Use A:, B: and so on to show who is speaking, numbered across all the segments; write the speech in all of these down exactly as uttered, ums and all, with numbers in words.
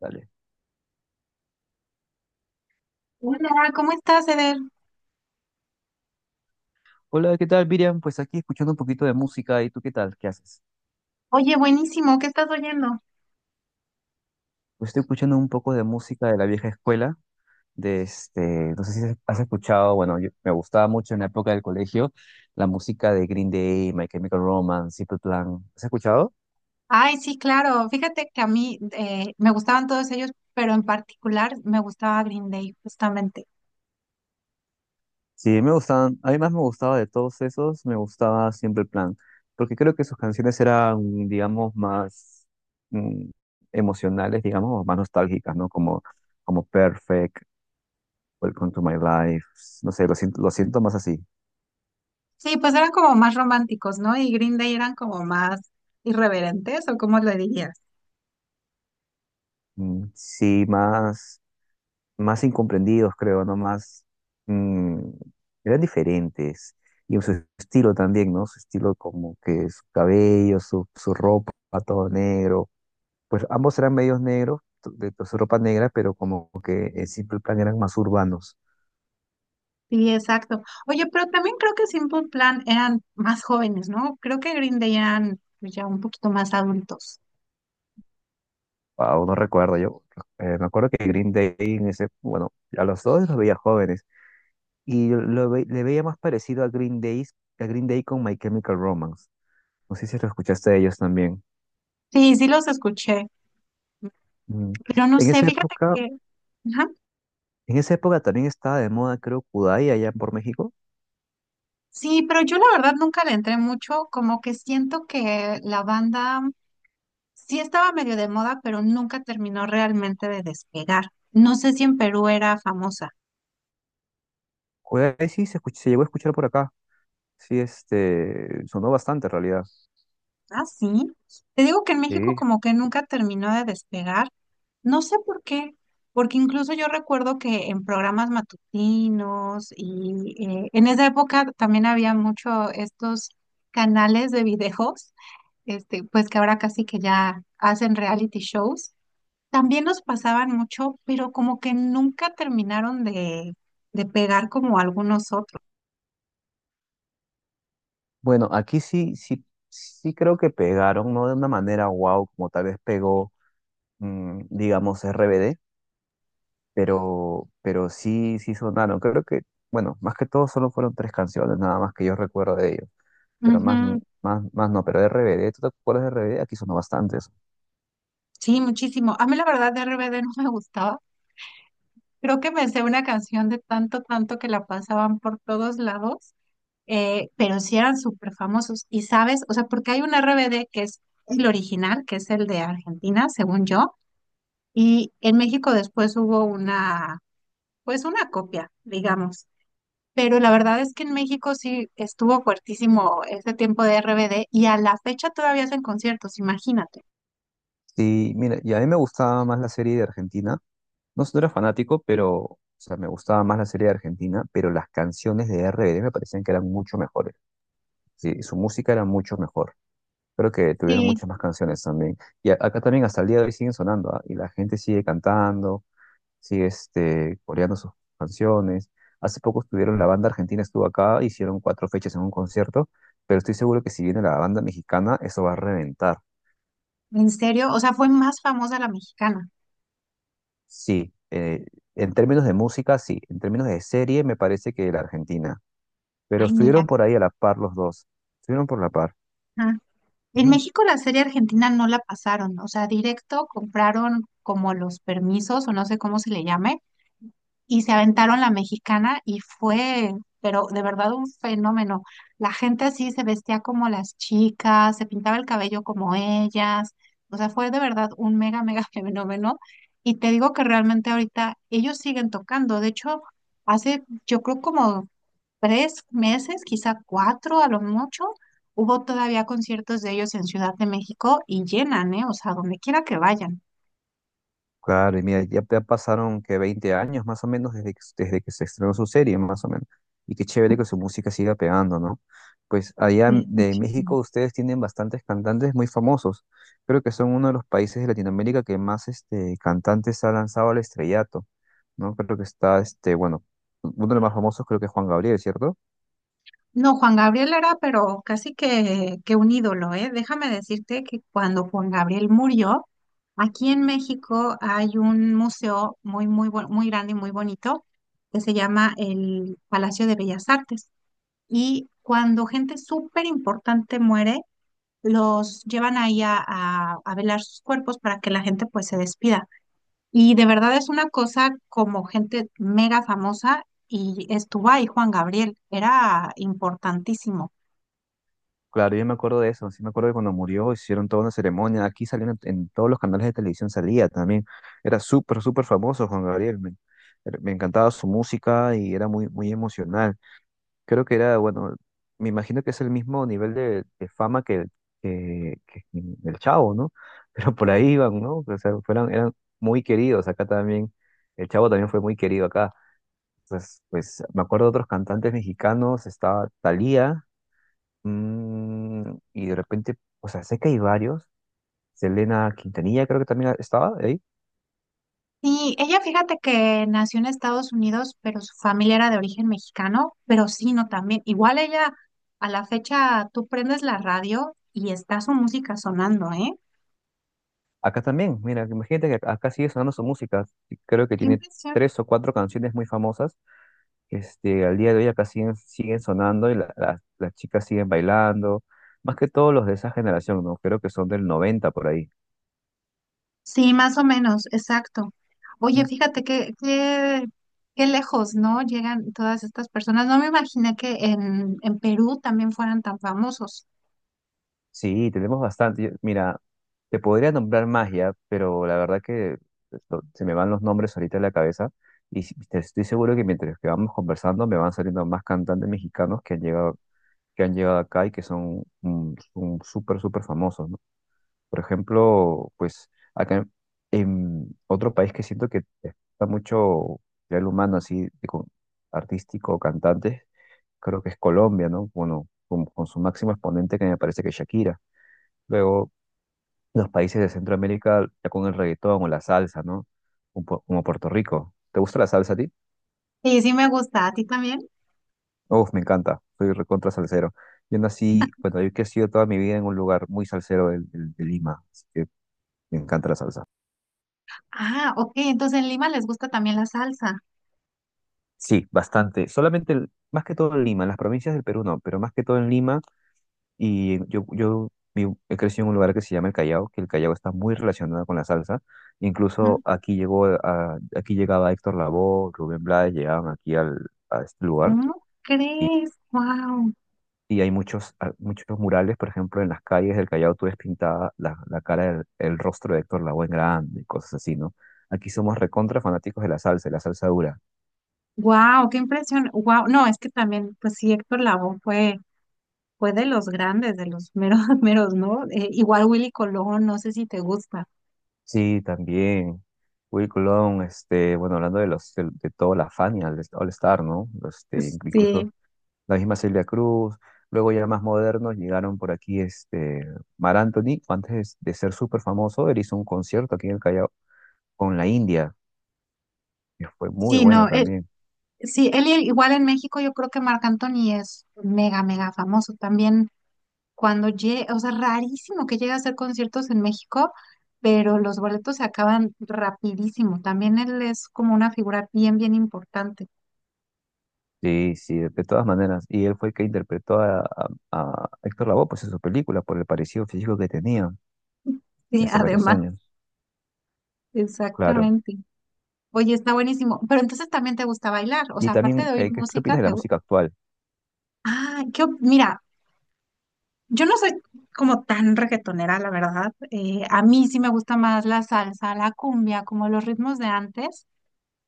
A: Dale.
B: Hola, ¿cómo estás, Eder?
A: Hola, ¿qué tal, Miriam? Pues aquí escuchando un poquito de música. ¿Y tú qué tal? ¿Qué haces?
B: Oye, buenísimo, ¿qué estás oyendo?
A: Pues estoy escuchando un poco de música de la vieja escuela. De este, no sé si has escuchado, bueno, yo- me gustaba mucho en la época del colegio la música de Green Day, My Chemical Romance, Simple Plan. ¿Has escuchado?
B: Ay, sí, claro. Fíjate que a mí eh, me gustaban todos ellos, pero en particular me gustaba Green Day, justamente.
A: Sí, me gustaban, a mí más me gustaba de todos esos, me gustaba Simple Plan, porque creo que sus canciones eran, digamos, más mm, emocionales, digamos, o más nostálgicas, ¿no? Como, como Perfect Welcome to my life. No sé, lo siento, lo siento más así.
B: Sí, pues eran como más románticos, ¿no? Y Green Day eran como más irreverentes, ¿o cómo lo dirías?
A: Mm, sí, más, más incomprendidos, creo, ¿no? Más, mm, eran diferentes. Y en su estilo también, ¿no? Su estilo como que su cabello, su, su ropa, todo negro. Pues ambos eran medios negros, t- de, de su ropa negra, pero como que en Simple Plan eran más urbanos.
B: Sí, exacto. Oye, pero también creo que Simple Plan eran más jóvenes, ¿no? Creo que Green Day eran, pues, ya un poquito más adultos.
A: Wow, no recuerdo yo. Eh, me acuerdo que Green Day en ese, bueno, a los dos los veía jóvenes. Y yo lo ve- le veía más parecido a Green Day, a Green Day con My Chemical Romance. No sé si lo escuchaste de ellos también.
B: Sí, sí los escuché,
A: Mm.
B: pero no
A: En
B: sé,
A: esa
B: fíjate
A: época,
B: que, ajá.
A: en esa época también estaba de moda, creo, Kudai allá por México.
B: Sí, pero yo la verdad nunca le entré mucho, como que siento que la banda sí estaba medio de moda, pero nunca terminó realmente de despegar. No sé si en Perú era famosa.
A: Kudai sí se escuch- se llegó a escuchar por acá. Sí, este, sonó bastante en realidad.
B: Ah, sí. Te digo que en México
A: Sí.
B: como que nunca terminó de despegar. No sé por qué, porque incluso yo recuerdo que en programas matutinos y eh, en esa época también había mucho estos canales de videos, este, pues que ahora casi que ya hacen reality shows, también nos pasaban mucho, pero como que nunca terminaron de, de pegar como algunos otros.
A: Bueno, aquí sí, sí, sí creo que pegaron, no de una manera wow, como tal vez pegó, mm, digamos, R B D, pero, pero sí, sí sonaron. Creo que, bueno, más que todo solo fueron tres canciones, nada más que yo recuerdo de ellos, pero más, n-
B: Ujú.
A: más, más no, pero de R B D, ¿tú te acuerdas de R B D? Aquí sonó bastantes.
B: Sí, muchísimo. A mí la verdad de R B D no me gustaba. Creo que me sé una canción de tanto, tanto que la pasaban por todos lados, eh, pero sí eran súper famosos. Y sabes, o sea, porque hay un R B D que es el original, que es el de Argentina, según yo, y en México después hubo una, pues una copia, digamos. Pero la verdad es que en México sí estuvo fuertísimo ese tiempo de R B D y a la fecha todavía hacen conciertos, imagínate.
A: Sí, mira, y a mí me gustaba más la serie de Argentina, no, no era fanático, pero, o sea, me gustaba más la serie de Argentina, pero las canciones de R B D me parecían que eran mucho mejores, sí, su música era mucho mejor. Creo que tuvieron
B: Sí,
A: muchas más canciones también. Y a- acá también hasta el día de hoy siguen sonando, ¿ah? Y la gente sigue cantando. Sí, este, coreando sus canciones. Hace poco estuvieron, la banda argentina estuvo acá, hicieron cuatro fechas en un concierto, pero estoy seguro que si viene la banda mexicana, eso va a reventar.
B: en serio, o sea, fue más famosa la mexicana.
A: Sí, eh, en términos de música, sí, en términos de serie, me parece que la Argentina, pero
B: Ay, mira.
A: estuvieron por ahí a la par los dos, estuvieron por la par.
B: Ajá. En México la serie argentina no la pasaron, o sea, directo compraron como los permisos o no sé cómo se le llame y se aventaron la mexicana y fue, pero de verdad un fenómeno. La gente así se vestía como las chicas, se pintaba el cabello como ellas, o sea, fue de verdad un mega, mega fenómeno. Y te digo que realmente ahorita ellos siguen tocando, de hecho, hace yo creo como tres meses, quizá cuatro a lo mucho. Hubo todavía conciertos de ellos en Ciudad de México y llenan, ¿eh? O sea, donde quiera que vayan.
A: Claro, y mira, ya, ya pasaron que veinte años más o menos desde que, desde que se estrenó su serie, más o menos. Y qué chévere que su música siga pegando, ¿no? Pues allá en-
B: Sí,
A: de
B: muchísimo.
A: México ustedes tienen bastantes cantantes muy famosos. Creo que son uno de los países de Latinoamérica que más este, cantantes ha lanzado al estrellato, ¿no? Creo que está, este, bueno, uno de los más famosos creo que es Juan Gabriel, ¿cierto?
B: No, Juan Gabriel era, pero casi que, que un ídolo, ¿eh? Déjame decirte que cuando Juan Gabriel murió, aquí en México hay un museo muy, muy, bu- muy grande y muy bonito que se llama el Palacio de Bellas Artes. Y cuando gente súper importante muere, los llevan ahí a, a, a velar sus cuerpos para que la gente, pues, se despida. Y de verdad es una cosa como gente mega famosa, y estuvo ahí Juan Gabriel, era importantísimo.
A: Claro, yo me acuerdo de eso, sí me acuerdo que cuando murió hicieron toda una ceremonia, aquí salían en, en todos los canales de televisión salía también, era súper, súper famoso Juan Gabriel, me, er, me encantaba su música y era muy, muy emocional, creo que era, bueno, me imagino que es el mismo nivel de, de fama que, que, que el Chavo, ¿no? Pero por ahí iban, ¿no? O sea, fueron, eran muy queridos, acá también, el Chavo también fue muy querido acá, pues, pues me acuerdo de otros cantantes mexicanos, estaba Thalía. Mm, y de repente, o sea, sé que hay varios. Selena Quintanilla creo que también estaba ahí.
B: Sí, ella, fíjate que nació en Estados Unidos, pero su familia era de origen mexicano, pero sí, no, también. Igual ella, a la fecha, tú prendes la radio y está su música sonando, ¿eh?
A: Acá también, mira, imagínate que acá acá sigue sonando su música. Creo que
B: Qué
A: tiene
B: impresión.
A: tres o cuatro canciones muy famosas. Este, al día de hoy acá siguen, siguen sonando y la- la- las chicas siguen bailando. Más que todos los de esa generación, ¿no? Creo que son del noventa por ahí.
B: Sí, más o menos, exacto. Oye, fíjate que, que- qué lejos, ¿no? Llegan todas estas personas. No me imaginé que en, en Perú también fueran tan famosos.
A: Sí, tenemos bastante. Yo- mira, te podría nombrar magia, pero la verdad que esto- se me van los nombres ahorita en la cabeza y si- te- estoy seguro que mientras que vamos conversando me van saliendo más cantantes mexicanos que han llegado, que han llegado acá y que son mm, son súper, súper famosos, ¿no? Por ejemplo, pues acá en, en otro país que siento que está mucho ya el humano así, de con- artístico, cantantes, creo que es Colombia, ¿no? Bueno, con, con su máximo exponente que me parece que es Shakira. Luego los países de Centroamérica ya con el reggaetón o la salsa, ¿no? Un po- Como Puerto Rico. ¿Te gusta la salsa a ti?
B: Sí, sí me gusta, ¿a ti también?
A: Uf, me encanta. Soy recontra salsero. Yo nací, bueno, yo he crecido toda mi vida en un lugar muy salsero del- del- de, Lima, así que me encanta la salsa.
B: Ah, ok, entonces en Lima les gusta también la salsa.
A: Sí, bastante. Solamente, el- más que todo en Lima, en las provincias del Perú no, pero más que todo en Lima. Y yo, yo vi- he crecido en un lugar que se llama el Callao, que el Callao está muy relacionado con la salsa. Incluso
B: ¿No?
A: aquí llegó, a- aquí llegaba Héctor Lavoe, Rubén Blades, llegaban aquí al, a este lugar.
B: ¿Cómo
A: Y,
B: crees? ¡Wow!
A: y hay muchos, ah, muchos murales, por ejemplo, en las calles del Callao tú ves pintada la, la cara, del- el, rostro de Héctor Lavoe en grande y cosas así, ¿no? Aquí somos recontra fanáticos de la salsa, de la salsa dura.
B: Wow, qué impresión. Wow, no, es que también, pues sí, Héctor Lavoe fue, fue de los grandes, de los meros, meros, ¿no? Eh, igual Willy Colón, no sé si te gusta.
A: Sí, también. Will Colón, este, bueno, hablando de los, de, de toda la Fania, el All Star, ¿no? Este,
B: Sí,
A: incluso la misma Celia Cruz. Luego ya más modernos llegaron por aquí, este, Mar Anthony, antes de ser súper famoso, él hizo un concierto aquí en el Callao con la India, que fue muy
B: sí,
A: bueno
B: no, eh,
A: también.
B: sí, él i- igual en México yo creo que Marc Anthony es mega, mega famoso también. Cuando llega, o sea, rarísimo que llegue a hacer conciertos en México, pero los boletos se acaban rapidísimo. También él es como una figura bien, bien importante.
A: Sí, sí, de todas maneras. Y él fue el que interpretó a, a- a Héctor Lavoe pues, en su película por el parecido físico que tenía
B: Sí,
A: hace varios
B: además,
A: años. Claro.
B: exactamente. Oye, está buenísimo. Pero entonces también te gusta bailar. O
A: Y
B: sea, aparte
A: también,
B: de oír
A: eh, ¿qué, qué
B: música,
A: opinas de la
B: te gusta.
A: música actual?
B: Ah, qué op- mira, yo no soy como tan reggaetonera, la verdad. Eh, a mí sí me gusta más la salsa, la cumbia, como los ritmos de antes.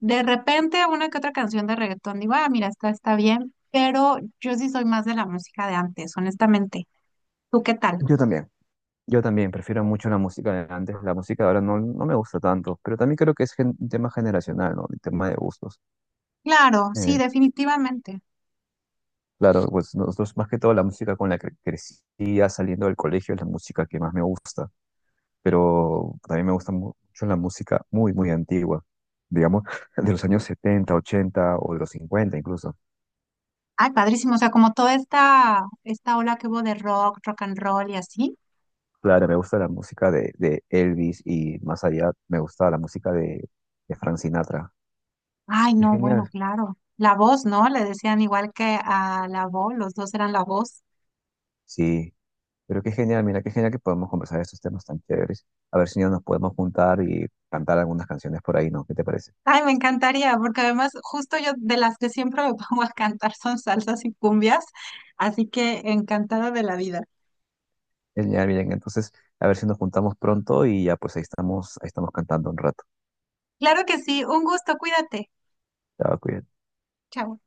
B: De repente, una que otra canción de reggaetón, digo, ah, mira, esta está bien. Pero yo sí soy más de la música de antes, honestamente. ¿Tú qué tal?
A: Yo también. Yo también prefiero mucho la música de antes. La música de ahora no, no me gusta tanto, pero también creo que es gen- un tema generacional, ¿no? Un tema de gustos.
B: Claro, sí,
A: Eh,
B: definitivamente.
A: claro, pues nosotros más que todo la música con la que crecía saliendo del colegio es la música que más me gusta. Pero también me gusta mu- mucho la música muy, muy antigua, digamos, de los años setenta ochenta o de los cincuenta incluso.
B: Ay, padrísimo. O sea, como toda esta, esta ola que hubo de rock, rock and roll y así.
A: Claro, me gusta la música de, de Elvis y más allá me gusta la música de, de Frank Sinatra.
B: Ay,
A: Qué
B: no, bueno,
A: genial.
B: claro. La voz, ¿no? Le decían igual que a la voz, los dos eran la voz.
A: Sí, pero qué genial, mira, qué genial que podemos conversar de estos temas tan chéveres. A ver si ya nos podemos juntar y cantar algunas canciones por ahí, ¿no? ¿Qué te parece?
B: Ay, me encantaría, porque además justo yo de las que siempre me pongo a cantar son salsas y cumbias, así que encantada de la vida.
A: Genial, bien, entonces, a ver si nos juntamos pronto y ya pues ahí estamos, ahí estamos cantando un rato.
B: Claro que sí, un gusto, cuídate.
A: Chao, cuídate.
B: Chao.